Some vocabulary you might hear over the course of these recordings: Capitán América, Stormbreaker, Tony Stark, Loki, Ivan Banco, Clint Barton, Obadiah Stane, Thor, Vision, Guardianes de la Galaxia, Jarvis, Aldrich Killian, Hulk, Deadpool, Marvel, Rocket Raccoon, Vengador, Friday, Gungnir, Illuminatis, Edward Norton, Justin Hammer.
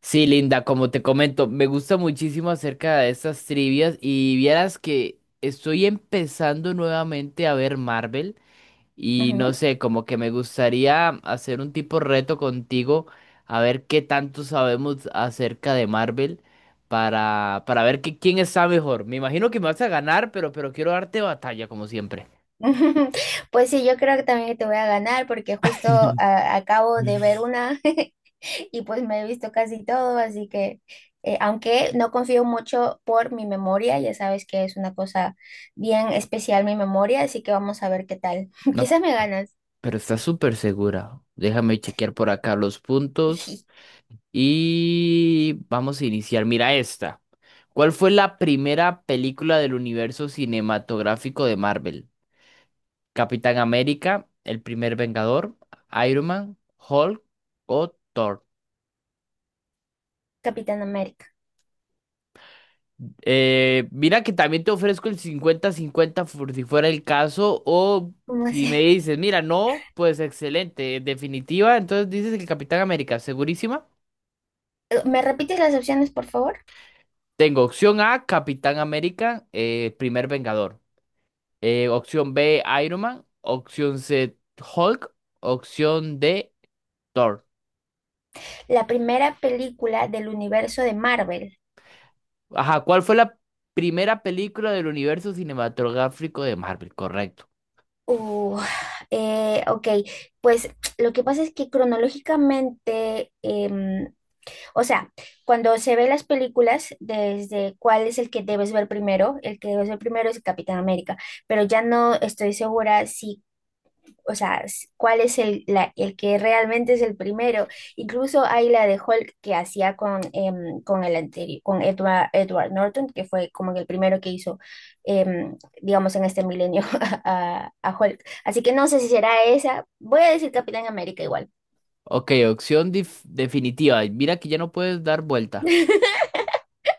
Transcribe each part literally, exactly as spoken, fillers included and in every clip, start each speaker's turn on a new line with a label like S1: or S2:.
S1: Sí, Linda, como te comento, me gusta muchísimo acerca de estas trivias y vieras que estoy empezando nuevamente a ver Marvel y no
S2: Ujú.
S1: sé, como que me gustaría hacer un tipo reto contigo a ver qué tanto sabemos acerca de Marvel para, para ver que- quién está mejor. Me imagino que me vas a ganar, pero, pero quiero darte batalla como siempre.
S2: Pues sí, yo creo que también te voy a ganar porque justo ah, acabo de ver una y pues me he visto casi todo, así que eh, aunque no confío mucho por mi memoria, ya sabes que es una cosa bien especial mi memoria, así que vamos a ver qué tal.
S1: No,
S2: Quizás me ganas.
S1: pero estás súper segura. Déjame chequear por acá los puntos.
S2: Ijí.
S1: Y vamos a iniciar. Mira esta. ¿Cuál fue la primera película del universo cinematográfico de Marvel? ¿Capitán América, El primer Vengador, Iron Man, Hulk o Thor?
S2: Capitán América.
S1: Eh, mira que también te ofrezco el cincuenta-cincuenta, por si fuera el caso o
S2: ¿Cómo
S1: si me
S2: así?
S1: dices, mira, no, pues excelente, definitiva, entonces dices el Capitán América, ¿segurísima?
S2: ¿Me repites las opciones, por favor?
S1: Tengo opción A, Capitán América, eh, primer Vengador. Eh, opción B, Iron Man. Opción C, Hulk. Opción D, Thor.
S2: La primera película del universo de Marvel.
S1: Ajá, ¿cuál fue la primera película del universo cinematográfico de Marvel? Correcto.
S2: Uh, eh, ok, pues lo que pasa es que cronológicamente, em, o sea, cuando se ve las películas, desde cuál es el que debes ver primero, el que debes ver primero es Capitán América, pero ya no estoy segura si o sea, s- cuál es el, la- el que realmente es el primero. Incluso hay la de Hulk que hacía con, em, con el anterior, con Edward, Edward Norton, que fue como que el primero que hizo, em, digamos, en este milenio a, a Hulk. Así que no sé si será esa. Voy a decir Capitán América igual.
S1: Ok, opción dif- definitiva. Mira que ya no puedes dar vuelta.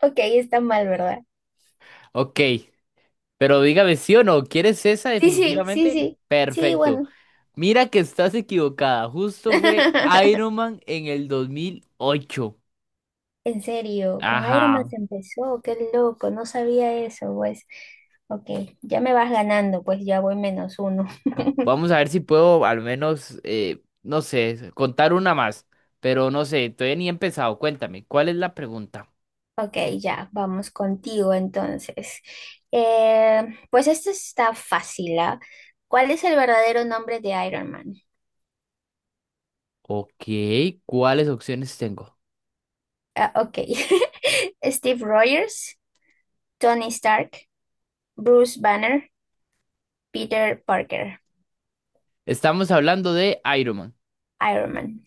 S2: Ok, está mal, ¿verdad?
S1: Ok, pero dígame sí o no, ¿quieres esa
S2: Sí, sí, sí,
S1: definitivamente?
S2: sí. Sí,
S1: Perfecto.
S2: bueno.
S1: Mira que estás equivocada. Justo fue Iron Man en el dos mil ocho.
S2: En serio, con Iron Man
S1: Ajá.
S2: se empezó, qué loco, no sabía eso, pues. Ok, ya me vas ganando, pues ya voy menos uno.
S1: Vamos a ver si puedo al menos, eh, no sé, contar una más. Pero no sé, todavía ni he empezado. Cuéntame, ¿cuál es la pregunta?
S2: Ok, ya, vamos contigo entonces. Eh, pues esto está fácil, ¿ah? ¿Cuál es el verdadero nombre de Iron Man?
S1: Ok, ¿cuáles opciones tengo?
S2: Ah, ok, Steve Rogers, Tony Stark, Bruce Banner, Peter Parker,
S1: Estamos hablando de Iron Man.
S2: Iron Man.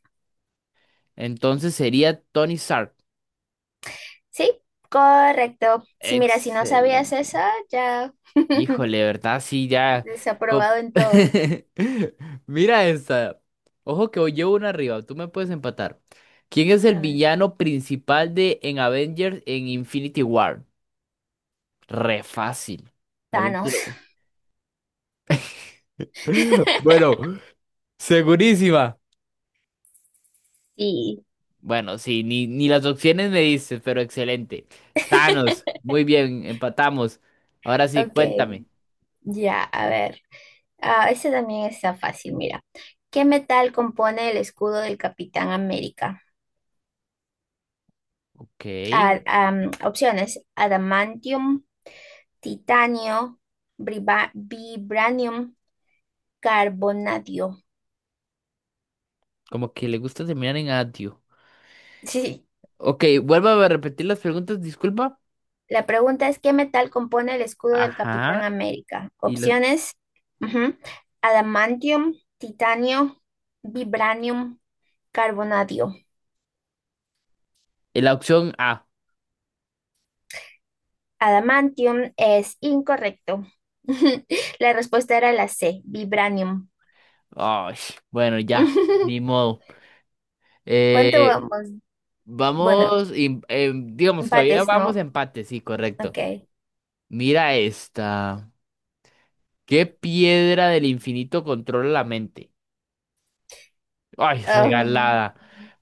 S1: Entonces sería Tony Stark.
S2: Sí, correcto. Si mira, si no sabías eso,
S1: Excelente.
S2: ya.
S1: Híjole, de ¿verdad? Sí, ya. co-
S2: Desaprobado en todo.
S1: Mira esta. Ojo que hoy llevo una arriba. Tú me puedes empatar. ¿Quién es el
S2: A ver,
S1: villano principal de en Avengers en Infinity War? Re fácil. Más bien
S2: Thanos.
S1: tiro- Bueno, segurísima.
S2: Sí,
S1: Bueno, sí, ni, ni las opciones me dices, pero excelente. Thanos, muy bien, empatamos. Ahora sí,
S2: ok,
S1: cuéntame.
S2: ya, a ver. Ah, ese también está fácil, mira. ¿Qué metal compone el escudo del Capitán América?
S1: Ok,
S2: Ah, am, opciones: adamantium, titanio, briba- vibranium, carbonadio.
S1: como que le gusta terminar en adio.
S2: Sí,
S1: Ok, vuelvo a repetir las preguntas, disculpa.
S2: la pregunta es: ¿qué metal compone el escudo del Capitán
S1: Ajá,
S2: América?
S1: y la,
S2: Opciones: ujú, adamantium, titanio, vibranium, carbonadio.
S1: y la opción A.
S2: Adamantium es incorrecto. La respuesta era la C, vibranium.
S1: Ay, bueno, ya, ni modo.
S2: ¿Cuánto
S1: Eh,
S2: vamos? Bueno,
S1: vamos, y- em, digamos, todavía
S2: empates,
S1: vamos
S2: ¿no?
S1: a empate, sí, correcto.
S2: Ok.
S1: Mira esta. ¿Qué piedra del infinito controla la mente? Ay,
S2: Ah,
S1: regalada.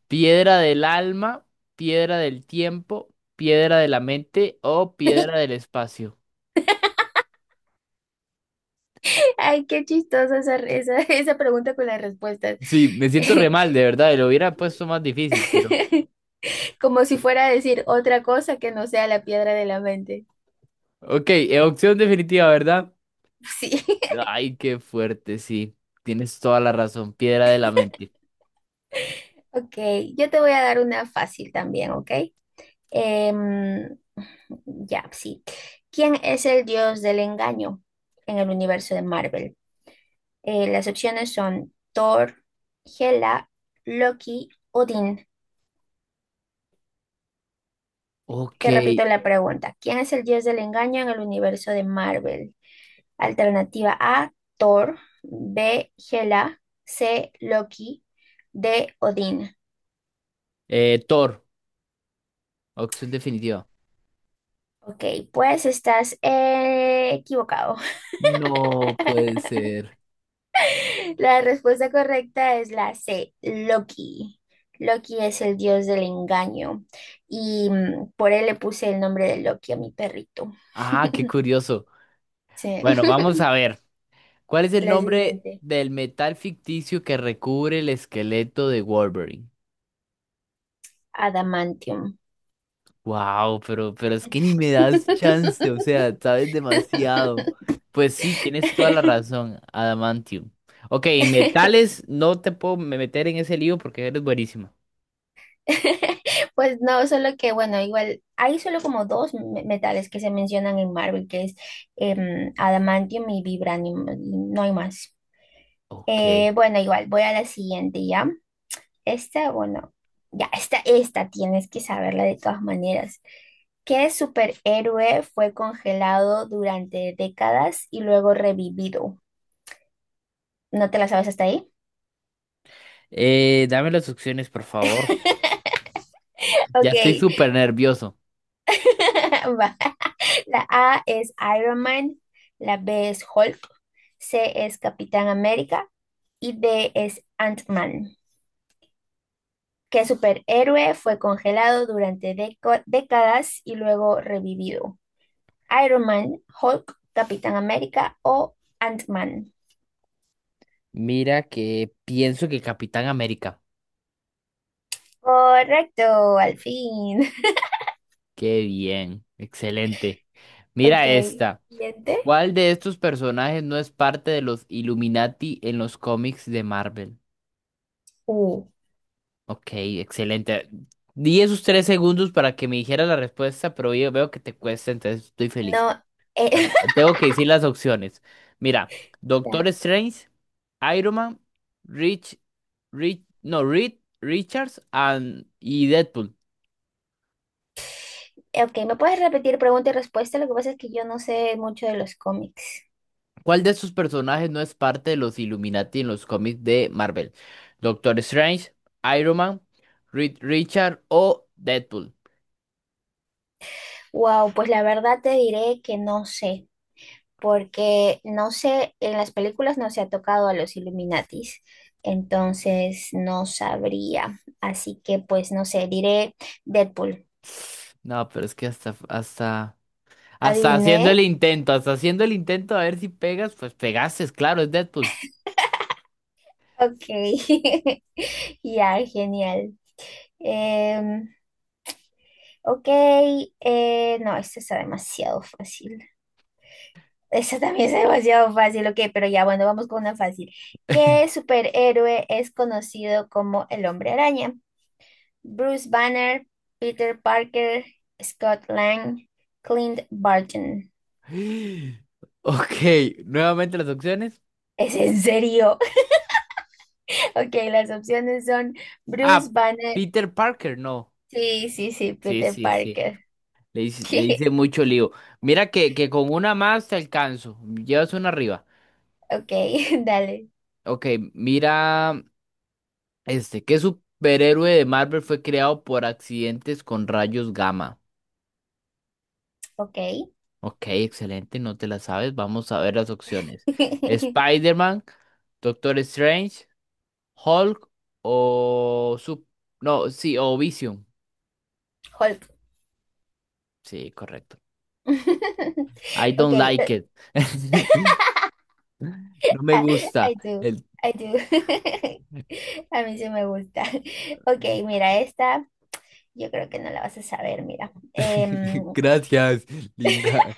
S1: Piedra del alma, piedra del tiempo, piedra de la mente o piedra del espacio.
S2: ay, qué chistosa esa, esa, esa pregunta con las respuestas.
S1: Sí, me siento re mal, de verdad. Lo hubiera puesto más difícil, pero.
S2: Como si fuera a decir otra cosa que no sea la piedra de la mente.
S1: Ok, eh, opción definitiva, ¿verdad?
S2: Sí.
S1: Ay, qué fuerte, sí. Tienes toda la razón. Piedra de la mente.
S2: Ok, yo te voy a dar una fácil también, ¿ok? Em, ya, sí. ¿Quién es el dios del engaño en el universo de Marvel? Eh, las opciones son Thor, Hela, Loki, Odín.
S1: Ok.
S2: Te repito la pregunta. ¿Quién es el dios del engaño en el universo de Marvel? Alternativa A, Thor, B, Hela, C, Loki, D, Odín.
S1: Eh, Thor, opción definitiva.
S2: Ok, pues estás eh, equivocado.
S1: No puede ser.
S2: La respuesta correcta es la C, Loki. Loki es el dios del engaño y mm, por él le puse el nombre de Loki a mi perrito.
S1: Ah, qué curioso.
S2: Sí.
S1: Bueno, vamos a ver. ¿Cuál es el
S2: La
S1: nombre
S2: siguiente,
S1: del metal ficticio que recubre el esqueleto de Wolverine?
S2: Adamantium.
S1: Wow, pero, pero es que ni me das chance, o sea, sabes demasiado. Pues sí, tienes toda la razón, adamantium. Ok, metales, no te puedo me- meter en ese lío porque eres buenísima.
S2: Pues no, solo que bueno, igual hay solo como dos me- metales que se mencionan en Marvel, que es em, Adamantium y Vibranium, y no hay más.
S1: Ok.
S2: Eh, bueno, igual voy a la siguiente ya. Esta, bueno, ya, esta, esta tienes que saberla de todas maneras. ¿Qué superhéroe fue congelado durante décadas y luego revivido? ¿No te la sabes hasta ahí?
S1: Eh, dame las opciones, por favor. Ya
S2: Ok,
S1: estoy súper nervioso.
S2: va. La A es Iron Man, la B es Hulk, C es Capitán América y D es Ant-Man. ¿Qué superhéroe fue congelado durante deco- décadas y luego revivido? Iron Man, Hulk, Capitán América o Ant-Man.
S1: Mira que pienso que Capitán América.
S2: Correcto, al fin.
S1: Qué bien, excelente.
S2: Ok,
S1: Mira esta.
S2: siguiente.
S1: ¿Cuál de estos personajes no es parte de los Illuminati en los cómics de Marvel?
S2: Uh,
S1: Ok, excelente. Di esos tres segundos para que me dijera la respuesta, pero yo veo que te cuesta, entonces estoy feliz.
S2: No,
S1: A
S2: eh,
S1: ver, Tengo que decir las opciones. Mira,
S2: ya.
S1: Doctor Strange, Iron Man, Rich, Rich, no, Reed, Richards and, y Deadpool.
S2: Eh, Ok, ¿me puedes repetir pregunta y respuesta? Lo que pasa es que yo no sé mucho de los cómics.
S1: ¿Cuál de estos personajes no es parte de los Illuminati en los cómics de Marvel? Doctor Strange, Iron Man, Reed Richard o Deadpool.
S2: Wow, pues la verdad te diré que no sé, porque no sé, en las películas no se ha tocado a los Illuminatis, entonces no sabría. Así que pues no sé, diré Deadpool.
S1: No, pero es que hasta, hasta, hasta haciendo
S2: ¿Adiviné?
S1: el intento, hasta haciendo el intento a ver si pegas, pues pegaste, claro, es Deadpool.
S2: Ok, ya, genial. Em, Ok, eh, no, esta está demasiado fácil. Esta también es demasiado fácil, ok, pero ya bueno, vamos con una fácil. ¿Qué superhéroe es conocido como el Hombre Araña? Bruce Banner, Peter Parker, Scott Lang, Clint Barton.
S1: Ok, nuevamente las opciones.
S2: ¿Es en serio? Ok, las opciones son Bruce
S1: Ah,
S2: Banner.
S1: Peter Parker, no.
S2: Sí, sí, sí,
S1: Sí,
S2: Peter
S1: sí, sí.
S2: Parker.
S1: Le hice, le hice mucho lío. Mira que, que con una más te alcanzo. Llevas una arriba.
S2: Ok, dale.
S1: Ok, mira. Este, ¿qué superhéroe de Marvel fue creado por accidentes con rayos gamma?
S2: Ok.
S1: Ok, excelente, no te la sabes. Vamos a ver las opciones. Spider-Man, Doctor Strange, Hulk o Sup- no, sí, o Vision.
S2: Hulk.
S1: Sí, correcto. I
S2: Ok,
S1: don't like it. No me
S2: Ah, I
S1: gusta.
S2: do,
S1: El...
S2: I do. A mí sí me gusta. Ok, mira, esta yo creo que no la vas a saber, mira. Em,
S1: Gracias, linda.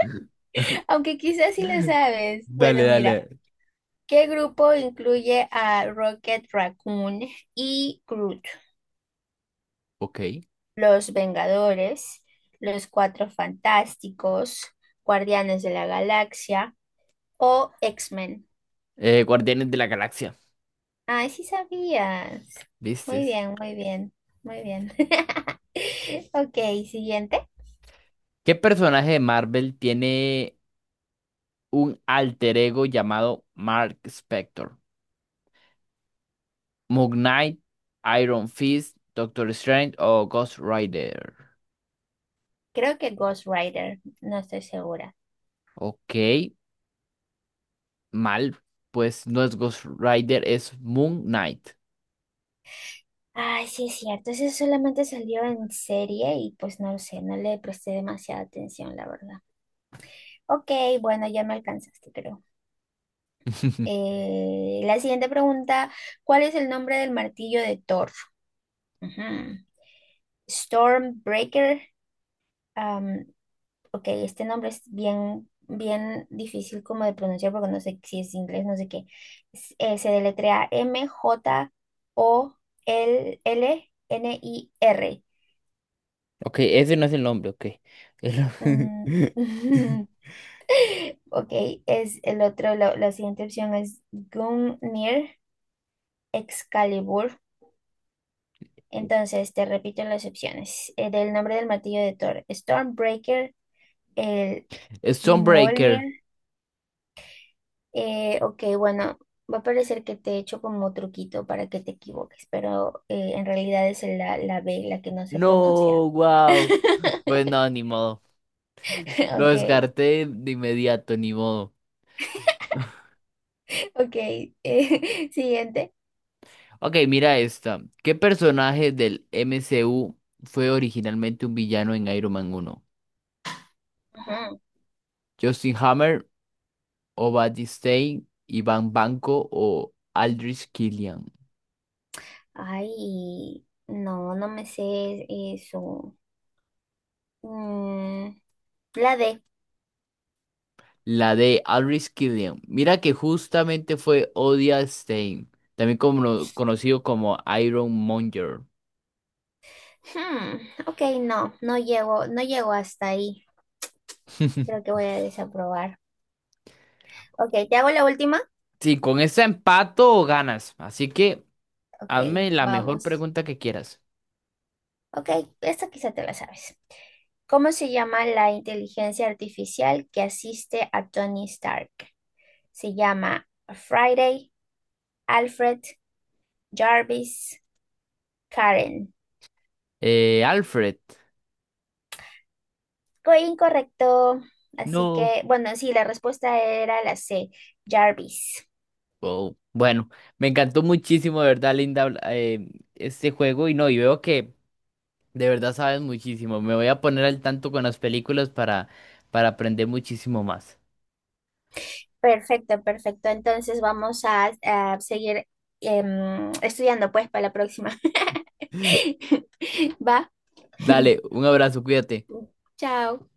S2: aunque quizás sí la sabes.
S1: Dale,
S2: Bueno, mira,
S1: dale.
S2: ¿qué grupo incluye a Rocket Raccoon y Groot?
S1: Ok.
S2: Los Vengadores, Los Cuatro Fantásticos, Guardianes de la Galaxia o X-Men.
S1: Eh, Guardianes de la Galaxia.
S2: Ay, sí sabías.
S1: ¿Viste?
S2: Muy bien, muy bien, muy bien. Ok, siguiente.
S1: ¿Qué personaje de Marvel tiene un alter ego llamado Mark Spector? ¿Moon Knight, Iron Fist, Doctor Strange o Ghost Rider?
S2: Creo que Ghost Rider, no estoy segura.
S1: Ok, mal, pues no es Ghost Rider, es Moon Knight.
S2: Ay, sí es cierto, ese solamente salió en serie y pues no lo sé, no le presté demasiada atención, la verdad. Ok, bueno, ya me alcanzaste, creo. Eh, la siguiente pregunta, ¿cuál es el nombre del martillo de Thor? Ujú. Stormbreaker, ok, este nombre es bien, bien difícil como de pronunciar porque no sé si es inglés, no sé qué. S- eh, se deletrea M J O L L N I R.
S1: Ok, ese no es el nombre, ok. El-
S2: Mm, ok, es el otro, lo- la siguiente opción es Gungnir Excalibur. Entonces, te repito las opciones. Eh, del nombre del martillo de Thor, Stormbreaker, el
S1: Es Stormbreaker.
S2: Mjolnir, Eh, ok, bueno, va a parecer que te he hecho como truquito para que te equivoques, pero eh, en realidad es la, la B, la que no sé pronunciar.
S1: No, wow. Pues no, ni modo. Lo
S2: Ok,
S1: descarté de inmediato, ni modo.
S2: ok. Eh, siguiente.
S1: Ok, mira esta. ¿Qué personaje del M C U fue originalmente un villano en Iron Man uno?
S2: Ajá.
S1: ¿Justin Hammer, Obadiah Stane, Ivan Banco o Aldrich Killian?
S2: Ay, no, no me sé eso. Mm, la D.
S1: La de Aldrich Killian. Mira que justamente fue Odia Stein, también como- conocido como Iron Monger.
S2: Hmm, ok, no, no llego, no llego hasta ahí. Creo que voy a desaprobar. Ok, ¿te hago la última?
S1: Sí, con este empato ganas. Así que hazme
S2: Ok,
S1: la mejor
S2: vamos.
S1: pregunta que quieras.
S2: Ok, esta quizá te la sabes. ¿Cómo se llama la inteligencia artificial que asiste a Tony Stark? Se llama Friday, Alfred, Jarvis, Karen.
S1: Eh, Alfred.
S2: Co- Incorrecto. Así
S1: No.
S2: que, bueno, sí, la respuesta era la C, Jarvis.
S1: Oh, bueno, me encantó muchísimo, de verdad, Linda, habl- eh, este juego y no, y veo que de verdad sabes muchísimo. Me voy a poner al tanto con las películas para, para aprender muchísimo más.
S2: Perfecto, perfecto. Entonces vamos a, a seguir em, estudiando pues para la próxima. Va.
S1: Dale, un abrazo, cuídate.
S2: Chao.